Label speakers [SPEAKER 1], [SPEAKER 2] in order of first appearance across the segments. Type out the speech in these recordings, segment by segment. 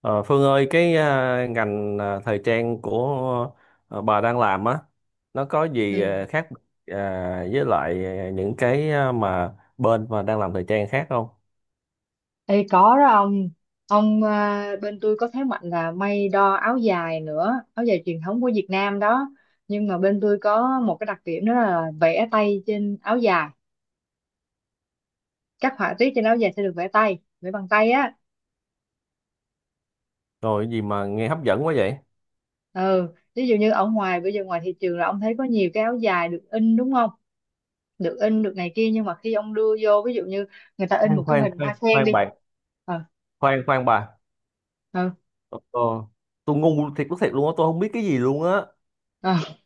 [SPEAKER 1] Ờ, Phương ơi, cái ngành thời trang của bà đang làm á, nó có gì
[SPEAKER 2] Ừ.
[SPEAKER 1] khác với lại những cái mà bên mà đang làm thời trang khác không?
[SPEAKER 2] Ê, có đó ông bên tôi có thế mạnh là may đo áo dài nữa, áo dài truyền thống của Việt Nam đó, nhưng mà bên tôi có một cái đặc điểm đó là vẽ tay trên áo dài. Các họa tiết trên áo dài sẽ được vẽ bằng tay á.
[SPEAKER 1] Rồi cái gì mà nghe hấp dẫn quá vậy?
[SPEAKER 2] Ừ, ví dụ như ở ngoài bây giờ ngoài thị trường là ông thấy có nhiều cái áo dài được in đúng không, được in được này kia, nhưng mà khi ông đưa vô, ví dụ như người ta in một
[SPEAKER 1] Khoan
[SPEAKER 2] cái
[SPEAKER 1] khoan
[SPEAKER 2] hình
[SPEAKER 1] khoan
[SPEAKER 2] hoa sen
[SPEAKER 1] khoan
[SPEAKER 2] đi.
[SPEAKER 1] bạn,
[SPEAKER 2] Ờ.
[SPEAKER 1] khoan khoan bà.
[SPEAKER 2] Ờ.
[SPEAKER 1] Ờ, ờ, tôi ngu thiệt lúc thiệt luôn á, tôi không biết cái gì luôn á.
[SPEAKER 2] Ờ.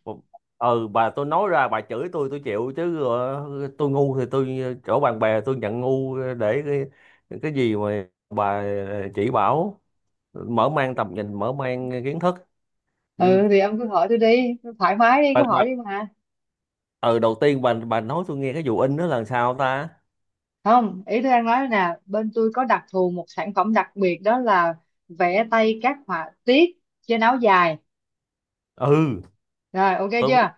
[SPEAKER 1] Ừ, bà tôi nói ra bà chửi tôi chịu chứ, tôi ngu thì tôi, chỗ bạn bè tôi nhận ngu để cái gì mà bà chỉ bảo, mở mang tầm nhìn mở mang kiến thức. Ừ.
[SPEAKER 2] Ừ thì ông cứ hỏi tôi đi, thoải mái đi,
[SPEAKER 1] bà,
[SPEAKER 2] cứ
[SPEAKER 1] bà,
[SPEAKER 2] hỏi đi mà.
[SPEAKER 1] ừ đầu tiên bà nói tôi nghe cái vụ in đó là sao ta?
[SPEAKER 2] Không, ý tôi đang nói là bên tôi có đặc thù một sản phẩm đặc biệt đó là vẽ tay các họa tiết trên áo dài.
[SPEAKER 1] Ừ,
[SPEAKER 2] Rồi, ok
[SPEAKER 1] tôi biết.
[SPEAKER 2] chưa.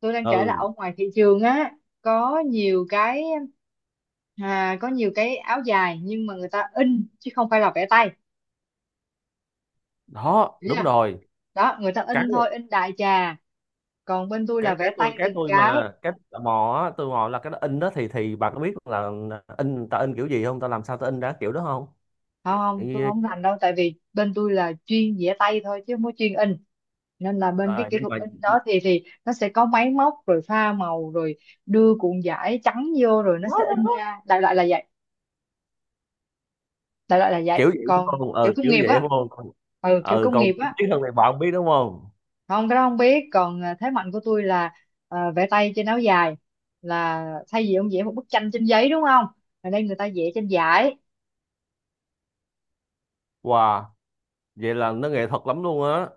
[SPEAKER 2] Tôi đang kể là
[SPEAKER 1] Ừ,
[SPEAKER 2] ở ngoài thị trường á, có nhiều cái có nhiều cái áo dài nhưng mà người ta in chứ không phải là vẽ tay,
[SPEAKER 1] đó
[SPEAKER 2] hiểu
[SPEAKER 1] đúng
[SPEAKER 2] chưa.
[SPEAKER 1] rồi.
[SPEAKER 2] Đó, người ta
[SPEAKER 1] cái
[SPEAKER 2] in thôi, in đại trà, còn bên tôi là
[SPEAKER 1] cái cái
[SPEAKER 2] vẽ
[SPEAKER 1] tôi
[SPEAKER 2] tay
[SPEAKER 1] cái
[SPEAKER 2] từng
[SPEAKER 1] tôi mà
[SPEAKER 2] cái.
[SPEAKER 1] cái tò mò á, tôi mò là cái đó in đó thì bà có biết là in ta in kiểu gì không, ta làm sao ta in ra kiểu đó không?
[SPEAKER 2] Không
[SPEAKER 1] Ừ.
[SPEAKER 2] không, tôi không rành đâu, tại vì bên tôi là chuyên vẽ tay thôi chứ không có chuyên in. Nên là bên cái kỹ
[SPEAKER 1] Nhưng
[SPEAKER 2] thuật
[SPEAKER 1] mà
[SPEAKER 2] in đó thì nó sẽ có máy móc rồi pha màu rồi đưa cuộn vải trắng vô rồi nó
[SPEAKER 1] đó,
[SPEAKER 2] sẽ
[SPEAKER 1] đó,
[SPEAKER 2] in
[SPEAKER 1] đó.
[SPEAKER 2] ra, đại loại là vậy. Đại loại là vậy,
[SPEAKER 1] Kiểu vậy đúng
[SPEAKER 2] còn
[SPEAKER 1] không?
[SPEAKER 2] kiểu
[SPEAKER 1] Ừ,
[SPEAKER 2] công
[SPEAKER 1] kiểu
[SPEAKER 2] nghiệp
[SPEAKER 1] vậy
[SPEAKER 2] á.
[SPEAKER 1] đúng không? Còn-
[SPEAKER 2] Ừ, kiểu
[SPEAKER 1] ừ,
[SPEAKER 2] công
[SPEAKER 1] còn
[SPEAKER 2] nghiệp
[SPEAKER 1] chi
[SPEAKER 2] á.
[SPEAKER 1] tiết hơn này bà không biết đúng không?
[SPEAKER 2] Không, cái đó không biết. Còn à, thế mạnh của tôi là à, vẽ tay trên áo dài, là thay vì ông vẽ một bức tranh trên giấy đúng không, ở đây người ta vẽ trên vải.
[SPEAKER 1] Wow, vậy là nó nghệ thuật lắm luôn á.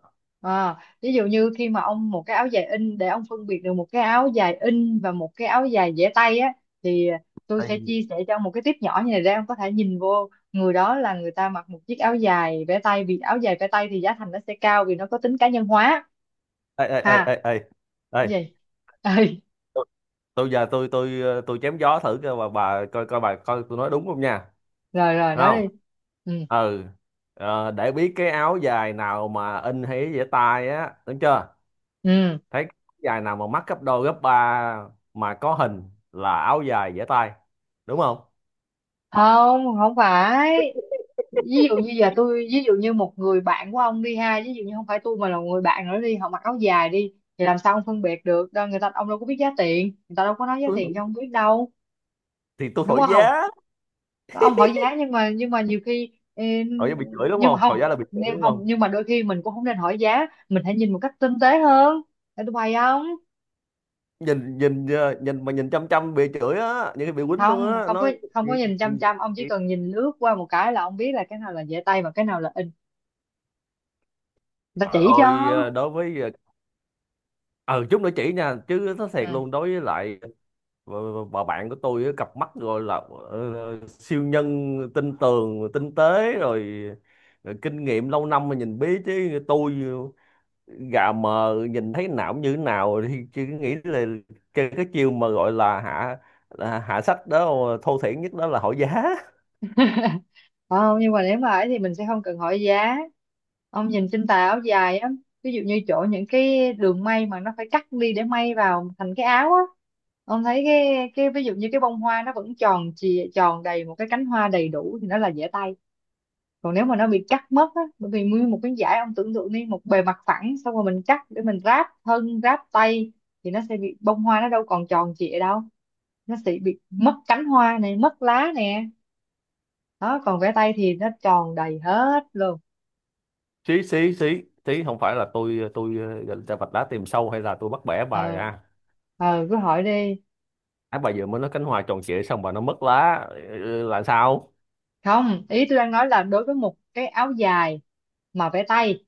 [SPEAKER 2] À, ví dụ như khi mà ông một cái áo dài in, để ông phân biệt được một cái áo dài in và một cái áo dài vẽ tay á, thì tôi
[SPEAKER 1] Ê,
[SPEAKER 2] sẽ chia sẻ cho ông một cái tip nhỏ như này, để ông có thể nhìn vô người đó là người ta mặc một chiếc áo dài vẽ tay, vì áo dài vẽ tay thì giá thành nó sẽ cao vì nó có tính cá nhân hóa.
[SPEAKER 1] ê, ê,
[SPEAKER 2] Ha?
[SPEAKER 1] ê, ê, ê.
[SPEAKER 2] Cái
[SPEAKER 1] Ê,
[SPEAKER 2] gì? Ê,
[SPEAKER 1] tôi tôi giờ tôi chém gió thử coi bà coi coi bà coi tôi nói đúng không nha?
[SPEAKER 2] rồi rồi
[SPEAKER 1] Đúng
[SPEAKER 2] nói
[SPEAKER 1] không?
[SPEAKER 2] đi. Ừ.
[SPEAKER 1] Ừ. Để biết cái áo dài nào mà in hay dễ tay á, đúng chưa?
[SPEAKER 2] Ừ.
[SPEAKER 1] Thấy cái áo dài nào mà mắc gấp đôi gấp ba mà có hình là áo dài dễ tay, đúng không?
[SPEAKER 2] Không không phải. Ví dụ như giờ tôi ví dụ như một người bạn của ông đi ha, ví dụ như không phải tôi mà là người bạn nữa đi, họ mặc áo dài đi, thì làm sao ông phân biệt được, đâu người ta, ông đâu có biết giá tiền, người ta đâu có nói giá
[SPEAKER 1] tôi
[SPEAKER 2] tiền
[SPEAKER 1] hỏi-
[SPEAKER 2] cho ông biết đâu,
[SPEAKER 1] thì tôi
[SPEAKER 2] đúng
[SPEAKER 1] thổi
[SPEAKER 2] không.
[SPEAKER 1] giá.
[SPEAKER 2] Ông hỏi giá, nhưng mà nhiều khi
[SPEAKER 1] Thổi giá bị chửi đúng
[SPEAKER 2] nhưng mà
[SPEAKER 1] không?
[SPEAKER 2] không,
[SPEAKER 1] Thổi giá là bị chửi
[SPEAKER 2] nhưng
[SPEAKER 1] đúng
[SPEAKER 2] không,
[SPEAKER 1] không?
[SPEAKER 2] nhưng mà đôi khi mình cũng không nên hỏi giá, mình hãy nhìn một cách tinh tế hơn. Để tôi bày. Không,
[SPEAKER 1] Nhìn nhìn ờ, nhìn mà nhìn chăm chăm bị chửi á, những cái bị quýnh luôn
[SPEAKER 2] không,
[SPEAKER 1] á
[SPEAKER 2] không có,
[SPEAKER 1] nói. Gì- gì-
[SPEAKER 2] nhìn chăm
[SPEAKER 1] gì-
[SPEAKER 2] chăm. Ông chỉ
[SPEAKER 1] gì.
[SPEAKER 2] cần nhìn lướt qua một cái là ông biết là cái nào là dễ tay và cái nào là in, người ta
[SPEAKER 1] Trời
[SPEAKER 2] chỉ
[SPEAKER 1] ơi,
[SPEAKER 2] cho.
[SPEAKER 1] đối với, ừ chút nữa chỉ nha chứ nó thiệt
[SPEAKER 2] Ừ,
[SPEAKER 1] luôn. Đối với lại bà, bà bạn của tôi á, cặp mắt gọi là siêu nhân tinh tường tinh tế rồi, kinh nghiệm lâu năm mà nhìn biết, chứ tôi gà mờ nhìn thấy não như thế nào thì chứ nghĩ là cái chiêu mà gọi là hạ sách đó, thô thiển nhất đó là hỏi giá.
[SPEAKER 2] không, nhưng mà nếu mà ấy thì mình sẽ không cần hỏi giá. Ông nhìn trên tà áo dài á, ví dụ như chỗ những cái đường may mà nó phải cắt đi để may vào thành cái áo á, ông thấy cái ví dụ như cái bông hoa nó vẫn tròn chì tròn đầy một cái cánh hoa đầy đủ thì nó là dễ tay. Còn nếu mà nó bị cắt mất á, bởi vì nguyên một cái dải ông tưởng tượng đi, một bề mặt phẳng xong rồi mình cắt để mình ráp thân ráp tay, thì nó sẽ bị, bông hoa nó đâu còn tròn trịa đâu, nó sẽ bị mất cánh hoa này, mất lá nè. Đó, còn vẽ tay thì nó tròn đầy hết luôn.
[SPEAKER 1] Xí xí xí xí, không phải là tôi gạch ra vạch đá tìm sâu hay là tôi bắt bẻ bài
[SPEAKER 2] Ờ.
[SPEAKER 1] à.
[SPEAKER 2] Ờ, cứ hỏi đi.
[SPEAKER 1] Á, bà vừa mới nói cánh hoa tròn trịa xong bà nó mất lá. Ừ, là sao?
[SPEAKER 2] Không, ý tôi đang nói là đối với một cái áo dài mà vẽ tay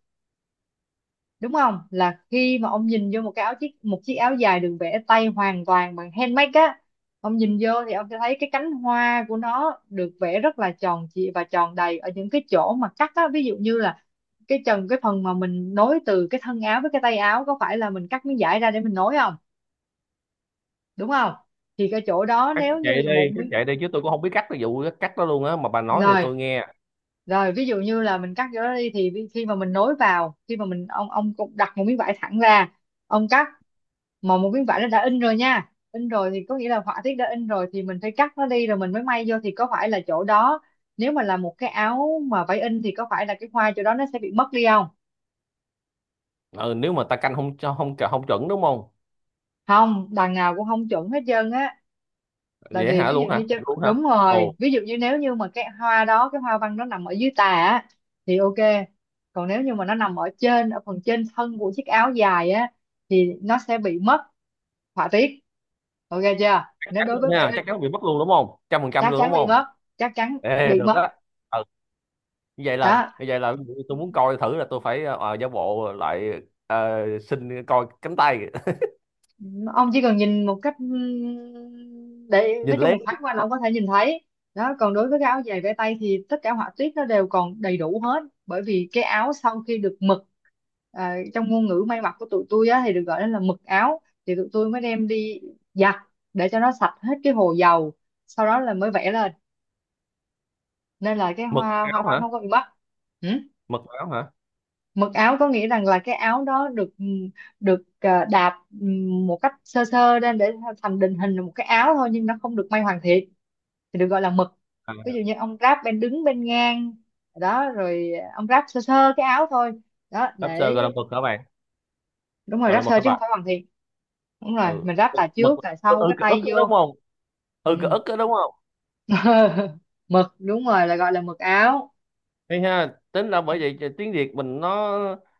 [SPEAKER 2] đúng không, là khi mà ông nhìn vô một cái áo, chiếc một chiếc áo dài được vẽ tay hoàn toàn bằng handmade á, ông nhìn vô thì ông sẽ thấy cái cánh hoa của nó được vẽ rất là tròn trịa và tròn đầy. Ở những cái chỗ mà cắt á, ví dụ như là cái trần, cái phần mà mình nối từ cái thân áo với cái tay áo, có phải là mình cắt miếng vải ra để mình nối không, đúng không. Thì cái chỗ đó,
[SPEAKER 1] Cắt
[SPEAKER 2] nếu như
[SPEAKER 1] chạy
[SPEAKER 2] là một
[SPEAKER 1] đi, cắt
[SPEAKER 2] miếng,
[SPEAKER 1] chạy đi, chứ tôi cũng không biết cắt, cái vụ cắt đó luôn á, mà bà nói thì
[SPEAKER 2] rồi
[SPEAKER 1] tôi nghe.
[SPEAKER 2] rồi ví dụ như là mình cắt chỗ đó đi, thì khi mà mình nối vào, khi mà mình, ông cũng đặt một miếng vải thẳng ra, ông cắt. Mà một miếng vải nó đã in rồi nha, in rồi thì có nghĩa là họa tiết đã in rồi, thì mình phải cắt nó đi rồi mình mới may vô, thì có phải là chỗ đó, nếu mà là một cái áo mà vải in, thì có phải là cái hoa chỗ đó nó sẽ bị mất đi không.
[SPEAKER 1] Ừ, nếu mà ta canh không cho không không chuẩn đúng không?
[SPEAKER 2] Không, đằng nào cũng không chuẩn hết trơn á. Tại
[SPEAKER 1] Dễ
[SPEAKER 2] vì
[SPEAKER 1] hả
[SPEAKER 2] ví dụ
[SPEAKER 1] luôn hả?
[SPEAKER 2] như, chứ
[SPEAKER 1] Thiệt luôn hả?
[SPEAKER 2] đúng
[SPEAKER 1] Ồ,
[SPEAKER 2] rồi, ví dụ như nếu như mà cái hoa đó, cái hoa văn nó nằm ở dưới tà á, thì ok. Còn nếu như mà nó nằm ở trên, ở phần trên thân của chiếc áo dài á, thì nó sẽ bị mất họa tiết. Ok chưa,
[SPEAKER 1] chắc
[SPEAKER 2] nếu
[SPEAKER 1] chắn
[SPEAKER 2] đối
[SPEAKER 1] luôn
[SPEAKER 2] với bảy
[SPEAKER 1] ha,
[SPEAKER 2] inch
[SPEAKER 1] chắc chắn bị mất luôn đúng không? 100%
[SPEAKER 2] Chắc
[SPEAKER 1] luôn
[SPEAKER 2] chắn
[SPEAKER 1] đúng
[SPEAKER 2] bị
[SPEAKER 1] không?
[SPEAKER 2] mất. Chắc chắn
[SPEAKER 1] Ê,
[SPEAKER 2] bị
[SPEAKER 1] được
[SPEAKER 2] mất.
[SPEAKER 1] á. Ừ, như vậy là
[SPEAKER 2] Đó,
[SPEAKER 1] như vậy là tôi muốn coi thử là tôi phải giả bộ lại, xin coi cánh tay
[SPEAKER 2] ông chỉ cần nhìn một cách để nói
[SPEAKER 1] nhìn
[SPEAKER 2] chung
[SPEAKER 1] lén.
[SPEAKER 2] một thoáng qua là ông có thể nhìn thấy. Đó, còn đối với cái áo dài vẽ tay thì tất cả họa tiết nó đều còn đầy đủ hết, bởi vì cái áo sau khi được mực, à, trong ngôn ngữ may mặc của tụi tôi á, thì được gọi là mực áo, thì tụi tôi mới đem đi giặt để cho nó sạch hết cái hồ dầu, sau đó là mới vẽ lên, nên là cái
[SPEAKER 1] Mực
[SPEAKER 2] hoa, hoa
[SPEAKER 1] áo
[SPEAKER 2] văn
[SPEAKER 1] hả?
[SPEAKER 2] nó không có bị mất.
[SPEAKER 1] Mực áo hả?
[SPEAKER 2] Mực áo có nghĩa rằng là cái áo đó được, à, đạp một cách sơ sơ lên để thành định hình là một cái áo thôi, nhưng nó không được may hoàn thiện, thì được gọi là mực. Ví
[SPEAKER 1] À,
[SPEAKER 2] dụ như ông ráp bên đứng, bên ngang, đó rồi ông ráp sơ sơ cái áo thôi. Đó,
[SPEAKER 1] lobster
[SPEAKER 2] để.
[SPEAKER 1] gọi là mực hả bạn?
[SPEAKER 2] Đúng rồi,
[SPEAKER 1] Gọi là
[SPEAKER 2] ráp
[SPEAKER 1] mực
[SPEAKER 2] sơ
[SPEAKER 1] hả
[SPEAKER 2] chứ
[SPEAKER 1] bà?
[SPEAKER 2] không phải hoàn thiện. Đúng rồi,
[SPEAKER 1] Ừ,
[SPEAKER 2] mình ráp tà
[SPEAKER 1] mực.
[SPEAKER 2] trước, tà sau,
[SPEAKER 1] Ừ,
[SPEAKER 2] cái
[SPEAKER 1] cái ức
[SPEAKER 2] tay
[SPEAKER 1] đó đúng
[SPEAKER 2] vô.
[SPEAKER 1] không? Ừ, cái
[SPEAKER 2] Ừ.
[SPEAKER 1] ức đó đúng không?
[SPEAKER 2] Mực, đúng rồi, là gọi là mực áo.
[SPEAKER 1] Thấy ha, tính ra
[SPEAKER 2] Ừ.
[SPEAKER 1] bởi vậy tiếng Việt mình nó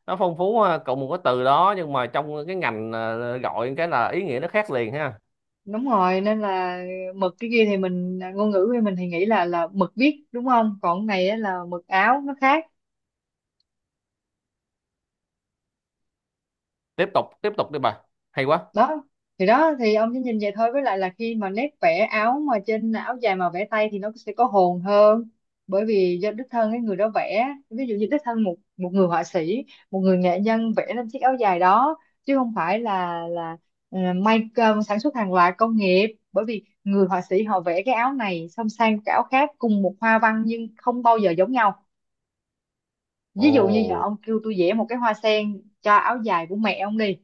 [SPEAKER 1] nó phong phú ha, cộng một cái từ đó nhưng mà trong cái ngành, gọi cái là ý nghĩa nó khác liền ha.
[SPEAKER 2] Đúng rồi, nên là mực cái kia thì mình, à, ngôn ngữ của mình thì nghĩ là mực viết đúng không, còn cái này á là mực áo, nó khác.
[SPEAKER 1] Tiếp tục tiếp tục đi bà, hay quá.
[SPEAKER 2] Đó, thì đó, thì ông chỉ nhìn vậy thôi, với lại là khi mà nét vẽ áo mà trên áo dài mà vẽ tay thì nó sẽ có hồn hơn, bởi vì do đích thân cái người đó vẽ, ví dụ như đích thân một một người họa sĩ, một người nghệ nhân vẽ lên chiếc áo dài đó, chứ không phải là may sản xuất hàng loạt công nghiệp. Bởi vì người họa sĩ họ vẽ cái áo này xong sang cái áo khác cùng một hoa văn nhưng không bao giờ giống nhau. Ví dụ như giờ
[SPEAKER 1] Ồ,
[SPEAKER 2] ông kêu tôi vẽ một cái hoa sen cho áo dài của mẹ ông đi,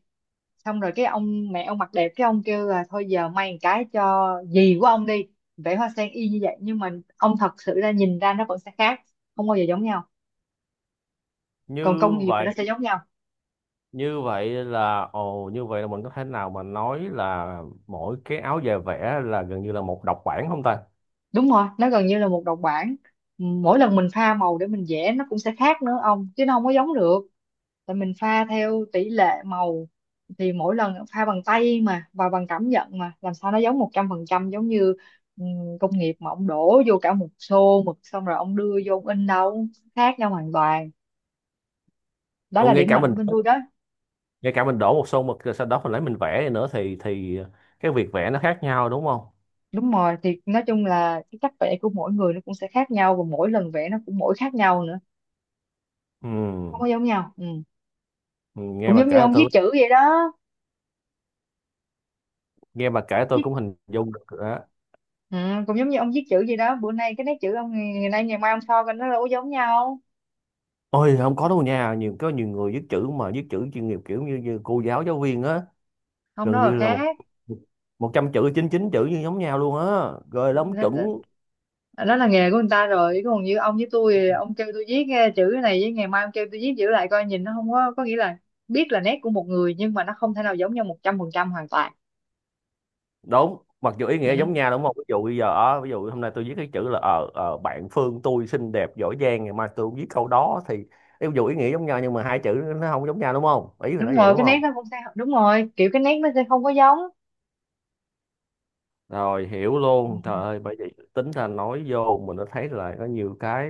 [SPEAKER 2] xong rồi cái ông, mẹ ông mặt đẹp, cái ông kêu là thôi giờ may một cái cho dì của ông đi, vẽ hoa sen y như vậy, nhưng mà ông thật sự ra nhìn ra nó vẫn sẽ khác, không bao giờ giống nhau. Còn
[SPEAKER 1] như
[SPEAKER 2] công nghiệp thì nó
[SPEAKER 1] vậy
[SPEAKER 2] sẽ giống nhau.
[SPEAKER 1] như vậy là mình có thể nào mà nói là mỗi cái áo dài vẽ là gần như là một độc bản không ta?
[SPEAKER 2] Đúng rồi, nó gần như là một độc bản. Mỗi lần mình pha màu để mình vẽ nó cũng sẽ khác nữa ông, chứ nó không có giống được, tại mình pha theo tỷ lệ màu, thì mỗi lần pha bằng tay mà và bằng cảm nhận, mà làm sao nó giống 100%, giống như công nghiệp mà ông đổ vô cả một xô mực xong rồi ông đưa vô ông in đâu. Khác nhau hoàn toàn. Đó
[SPEAKER 1] Ồ,
[SPEAKER 2] là điểm mạnh của bên tôi đó.
[SPEAKER 1] ngay cả mình đổ một xô mực rồi sau đó mình lấy mình vẽ nữa, thì cái việc vẽ nó khác nhau đúng không?
[SPEAKER 2] Đúng rồi, thì nói chung là cái cách vẽ của mỗi người nó cũng sẽ khác nhau, và mỗi lần vẽ nó cũng mỗi khác nhau nữa,
[SPEAKER 1] Ừ.
[SPEAKER 2] không có giống nhau. Ừ.
[SPEAKER 1] Ừ,
[SPEAKER 2] Cũng giống như ông viết chữ vậy đó.
[SPEAKER 1] nghe bà kể
[SPEAKER 2] Ông
[SPEAKER 1] tôi
[SPEAKER 2] viết,
[SPEAKER 1] cũng hình dung được rồi á.
[SPEAKER 2] ừ, cũng giống như ông viết chữ vậy đó, bữa nay cái nét chữ ông ngày nay, ngày mai ông so coi nó đâu có giống nhau.
[SPEAKER 1] Ôi không có đâu nha, có nhiều người viết chữ mà viết chữ chuyên nghiệp kiểu như cô giáo, giáo viên á,
[SPEAKER 2] Không, đó
[SPEAKER 1] gần
[SPEAKER 2] là
[SPEAKER 1] như là một
[SPEAKER 2] khác.
[SPEAKER 1] 100 chữ 99 chữ như giống nhau luôn á, rồi lắm
[SPEAKER 2] Nó,
[SPEAKER 1] chuẩn.
[SPEAKER 2] đó là nghề của người ta rồi, còn như ông với tôi thì ông kêu tôi viết chữ cái này, với ngày mai ông kêu tôi viết chữ lại coi nhìn, nó không có, có nghĩa là biết là nét của một người nhưng mà nó không thể nào giống nhau 100% hoàn toàn.
[SPEAKER 1] Đúng. Mặc dù ý nghĩa giống
[SPEAKER 2] Ừ.
[SPEAKER 1] nhau đúng không? Ví dụ bây giờ, ví dụ hôm nay tôi viết cái chữ là, bạn Phương tôi xinh đẹp giỏi giang, ngày mai tôi cũng viết câu đó thì ví dụ ý nghĩa giống nhau nhưng mà hai chữ nó không giống nhau đúng không? Ý là
[SPEAKER 2] Đúng
[SPEAKER 1] nói vậy
[SPEAKER 2] rồi,
[SPEAKER 1] đúng
[SPEAKER 2] cái nét
[SPEAKER 1] không?
[SPEAKER 2] nó cũng sẽ, đúng rồi, kiểu cái nét nó sẽ không có giống.
[SPEAKER 1] Rồi hiểu
[SPEAKER 2] Ừ.
[SPEAKER 1] luôn, trời ơi, bởi vậy tính ra nói vô mình nó thấy là có nhiều cái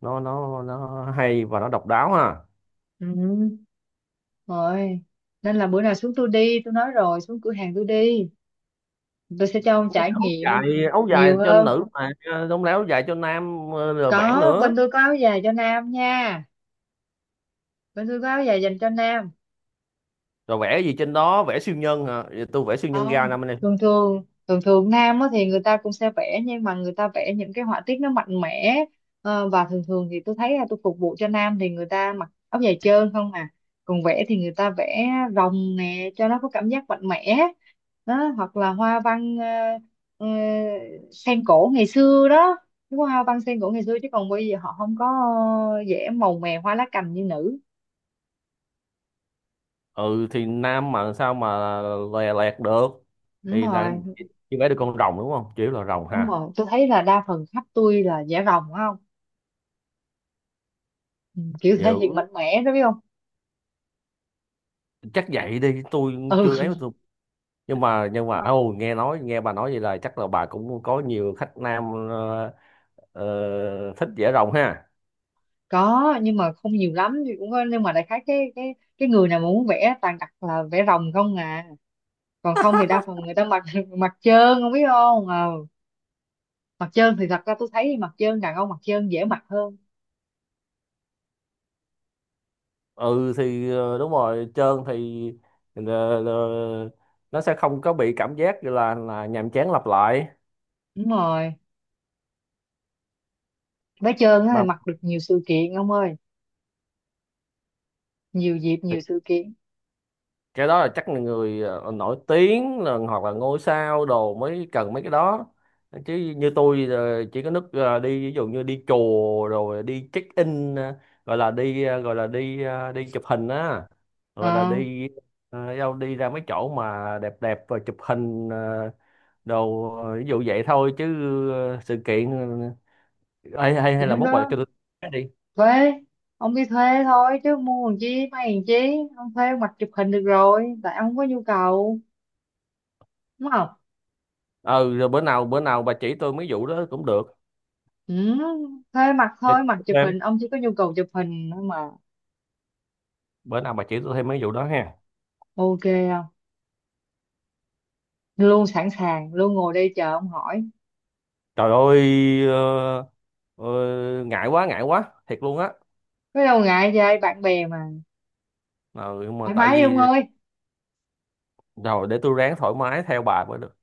[SPEAKER 1] nó hay và nó độc đáo ha.
[SPEAKER 2] Ừ. Rồi, nên là bữa nào xuống tôi đi, tôi nói rồi, xuống cửa hàng tôi đi, tôi sẽ cho ông trải
[SPEAKER 1] áo
[SPEAKER 2] nghiệm
[SPEAKER 1] Áo dài
[SPEAKER 2] nhiều
[SPEAKER 1] cho
[SPEAKER 2] hơn.
[SPEAKER 1] nữ mà, không lẽ áo dài cho nam, rồi vẽ
[SPEAKER 2] Có,
[SPEAKER 1] nữa?
[SPEAKER 2] bên tôi có áo dài cho nam nha, bên tôi có áo dài dành cho nam.
[SPEAKER 1] Rồi vẽ gì trên đó? Vẽ siêu nhân hả? Vậy tôi vẽ siêu nhân ra
[SPEAKER 2] Không,
[SPEAKER 1] năm nay.
[SPEAKER 2] thường thường nam á, thì người ta cũng sẽ vẽ nhưng mà người ta vẽ những cái họa tiết nó mạnh mẽ. Ờ, và thường thường thì tôi thấy là tôi phục vụ cho nam thì người ta mặc áo dài trơn không à, còn vẽ thì người ta vẽ rồng nè cho nó có cảm giác mạnh mẽ. Đó, hoặc là hoa văn ờ, sen cổ ngày xưa đó, cái hoa văn sen cổ ngày xưa, chứ còn bây giờ họ không có vẽ màu mè hoa lá cành như nữ.
[SPEAKER 1] Ừ thì nam mà sao mà lè lẹt được?
[SPEAKER 2] Đúng
[SPEAKER 1] Thì là
[SPEAKER 2] rồi.
[SPEAKER 1] chỉ vẽ được con rồng đúng không, chỉ là rồng ha?
[SPEAKER 2] Tôi thấy là đa phần khách tôi là vẽ rồng, phải không. Ừ, kiểu thể
[SPEAKER 1] Dữ.
[SPEAKER 2] hiện mạnh mẽ đó, biết không.
[SPEAKER 1] Chắc vậy đi. Tôi chưa ấy.
[SPEAKER 2] Ừ,
[SPEAKER 1] Tôi nhưng mà Ờ, ô nghe bà nói vậy là chắc là bà cũng có nhiều khách nam, ờ, thích dễ rồng ha.
[SPEAKER 2] có, nhưng mà không nhiều lắm, thì cũng có nhưng mà đại khái cái người nào mà muốn vẽ toàn đặt là vẽ rồng không à. Còn không thì đa phần người ta mặc mặc trơn, không biết không. Ờ, mặc trơn thì thật ra tôi thấy mặc trơn, đàn ông mặc trơn dễ mặc hơn.
[SPEAKER 1] Ừ thì, đúng rồi, trơn thì, ờ, ờ, nó sẽ không có bị cảm giác là nhàm chán lặp lại.
[SPEAKER 2] Đúng rồi, vẽ trơn á thì
[SPEAKER 1] Mà
[SPEAKER 2] mặc được nhiều sự kiện ông ơi, nhiều dịp, nhiều sự kiện.
[SPEAKER 1] cái đó là chắc là người, nổi tiếng là, hoặc là ngôi sao đồ mới cần mấy cái đó, chứ như tôi, chỉ có nước, đi ví dụ như đi chùa rồi đi check in, ờ, gọi là đi ờ, gọi là đi ờ, đi chụp hình á, gọi là
[SPEAKER 2] ờ
[SPEAKER 1] đi ờ, đâu đi ra mấy chỗ mà đẹp đẹp và chụp hình, đồ, ví dụ vậy thôi chứ, sự kiện, ờ, hay hay
[SPEAKER 2] thì
[SPEAKER 1] hay là
[SPEAKER 2] lúc
[SPEAKER 1] mốt bà
[SPEAKER 2] đó
[SPEAKER 1] cho tôi cái đi.
[SPEAKER 2] thuê. Ông đi thuê thôi chứ mua làm chi, may làm chi, ông thuê ông mặc chụp hình được rồi, tại ông không có nhu cầu, đúng không.
[SPEAKER 1] Ừ, rồi bữa nào bà chỉ tôi mấy vụ đó cũng được.
[SPEAKER 2] Ừ, thuê mặt
[SPEAKER 1] Để
[SPEAKER 2] thôi, mặt
[SPEAKER 1] tôi
[SPEAKER 2] chụp
[SPEAKER 1] thêm
[SPEAKER 2] hình, ông chỉ có nhu cầu chụp hình thôi mà.
[SPEAKER 1] Bữa nào bà chỉ tôi thêm mấy vụ đó ha.
[SPEAKER 2] Ok không? Luôn sẵn sàng, luôn ngồi đây chờ ông hỏi.
[SPEAKER 1] Trời ơi, ờ, ngại quá thiệt luôn á.
[SPEAKER 2] Có đâu ngại vậy, bạn bè mà.
[SPEAKER 1] Ờ, nhưng mà
[SPEAKER 2] Thoải
[SPEAKER 1] tại
[SPEAKER 2] mái đi ông
[SPEAKER 1] vì
[SPEAKER 2] ơi.
[SPEAKER 1] rồi để tôi ráng thoải mái theo bà mới được.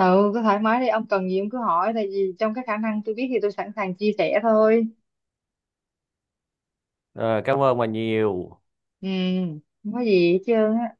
[SPEAKER 2] Ừ, cứ thoải mái đi, ông cần gì ông cứ hỏi, tại vì trong cái khả năng tôi biết thì tôi sẵn sàng chia sẻ thôi.
[SPEAKER 1] Ờ, Cảm ơn bà nhiều.
[SPEAKER 2] Ừ, không có gì hết trơn á.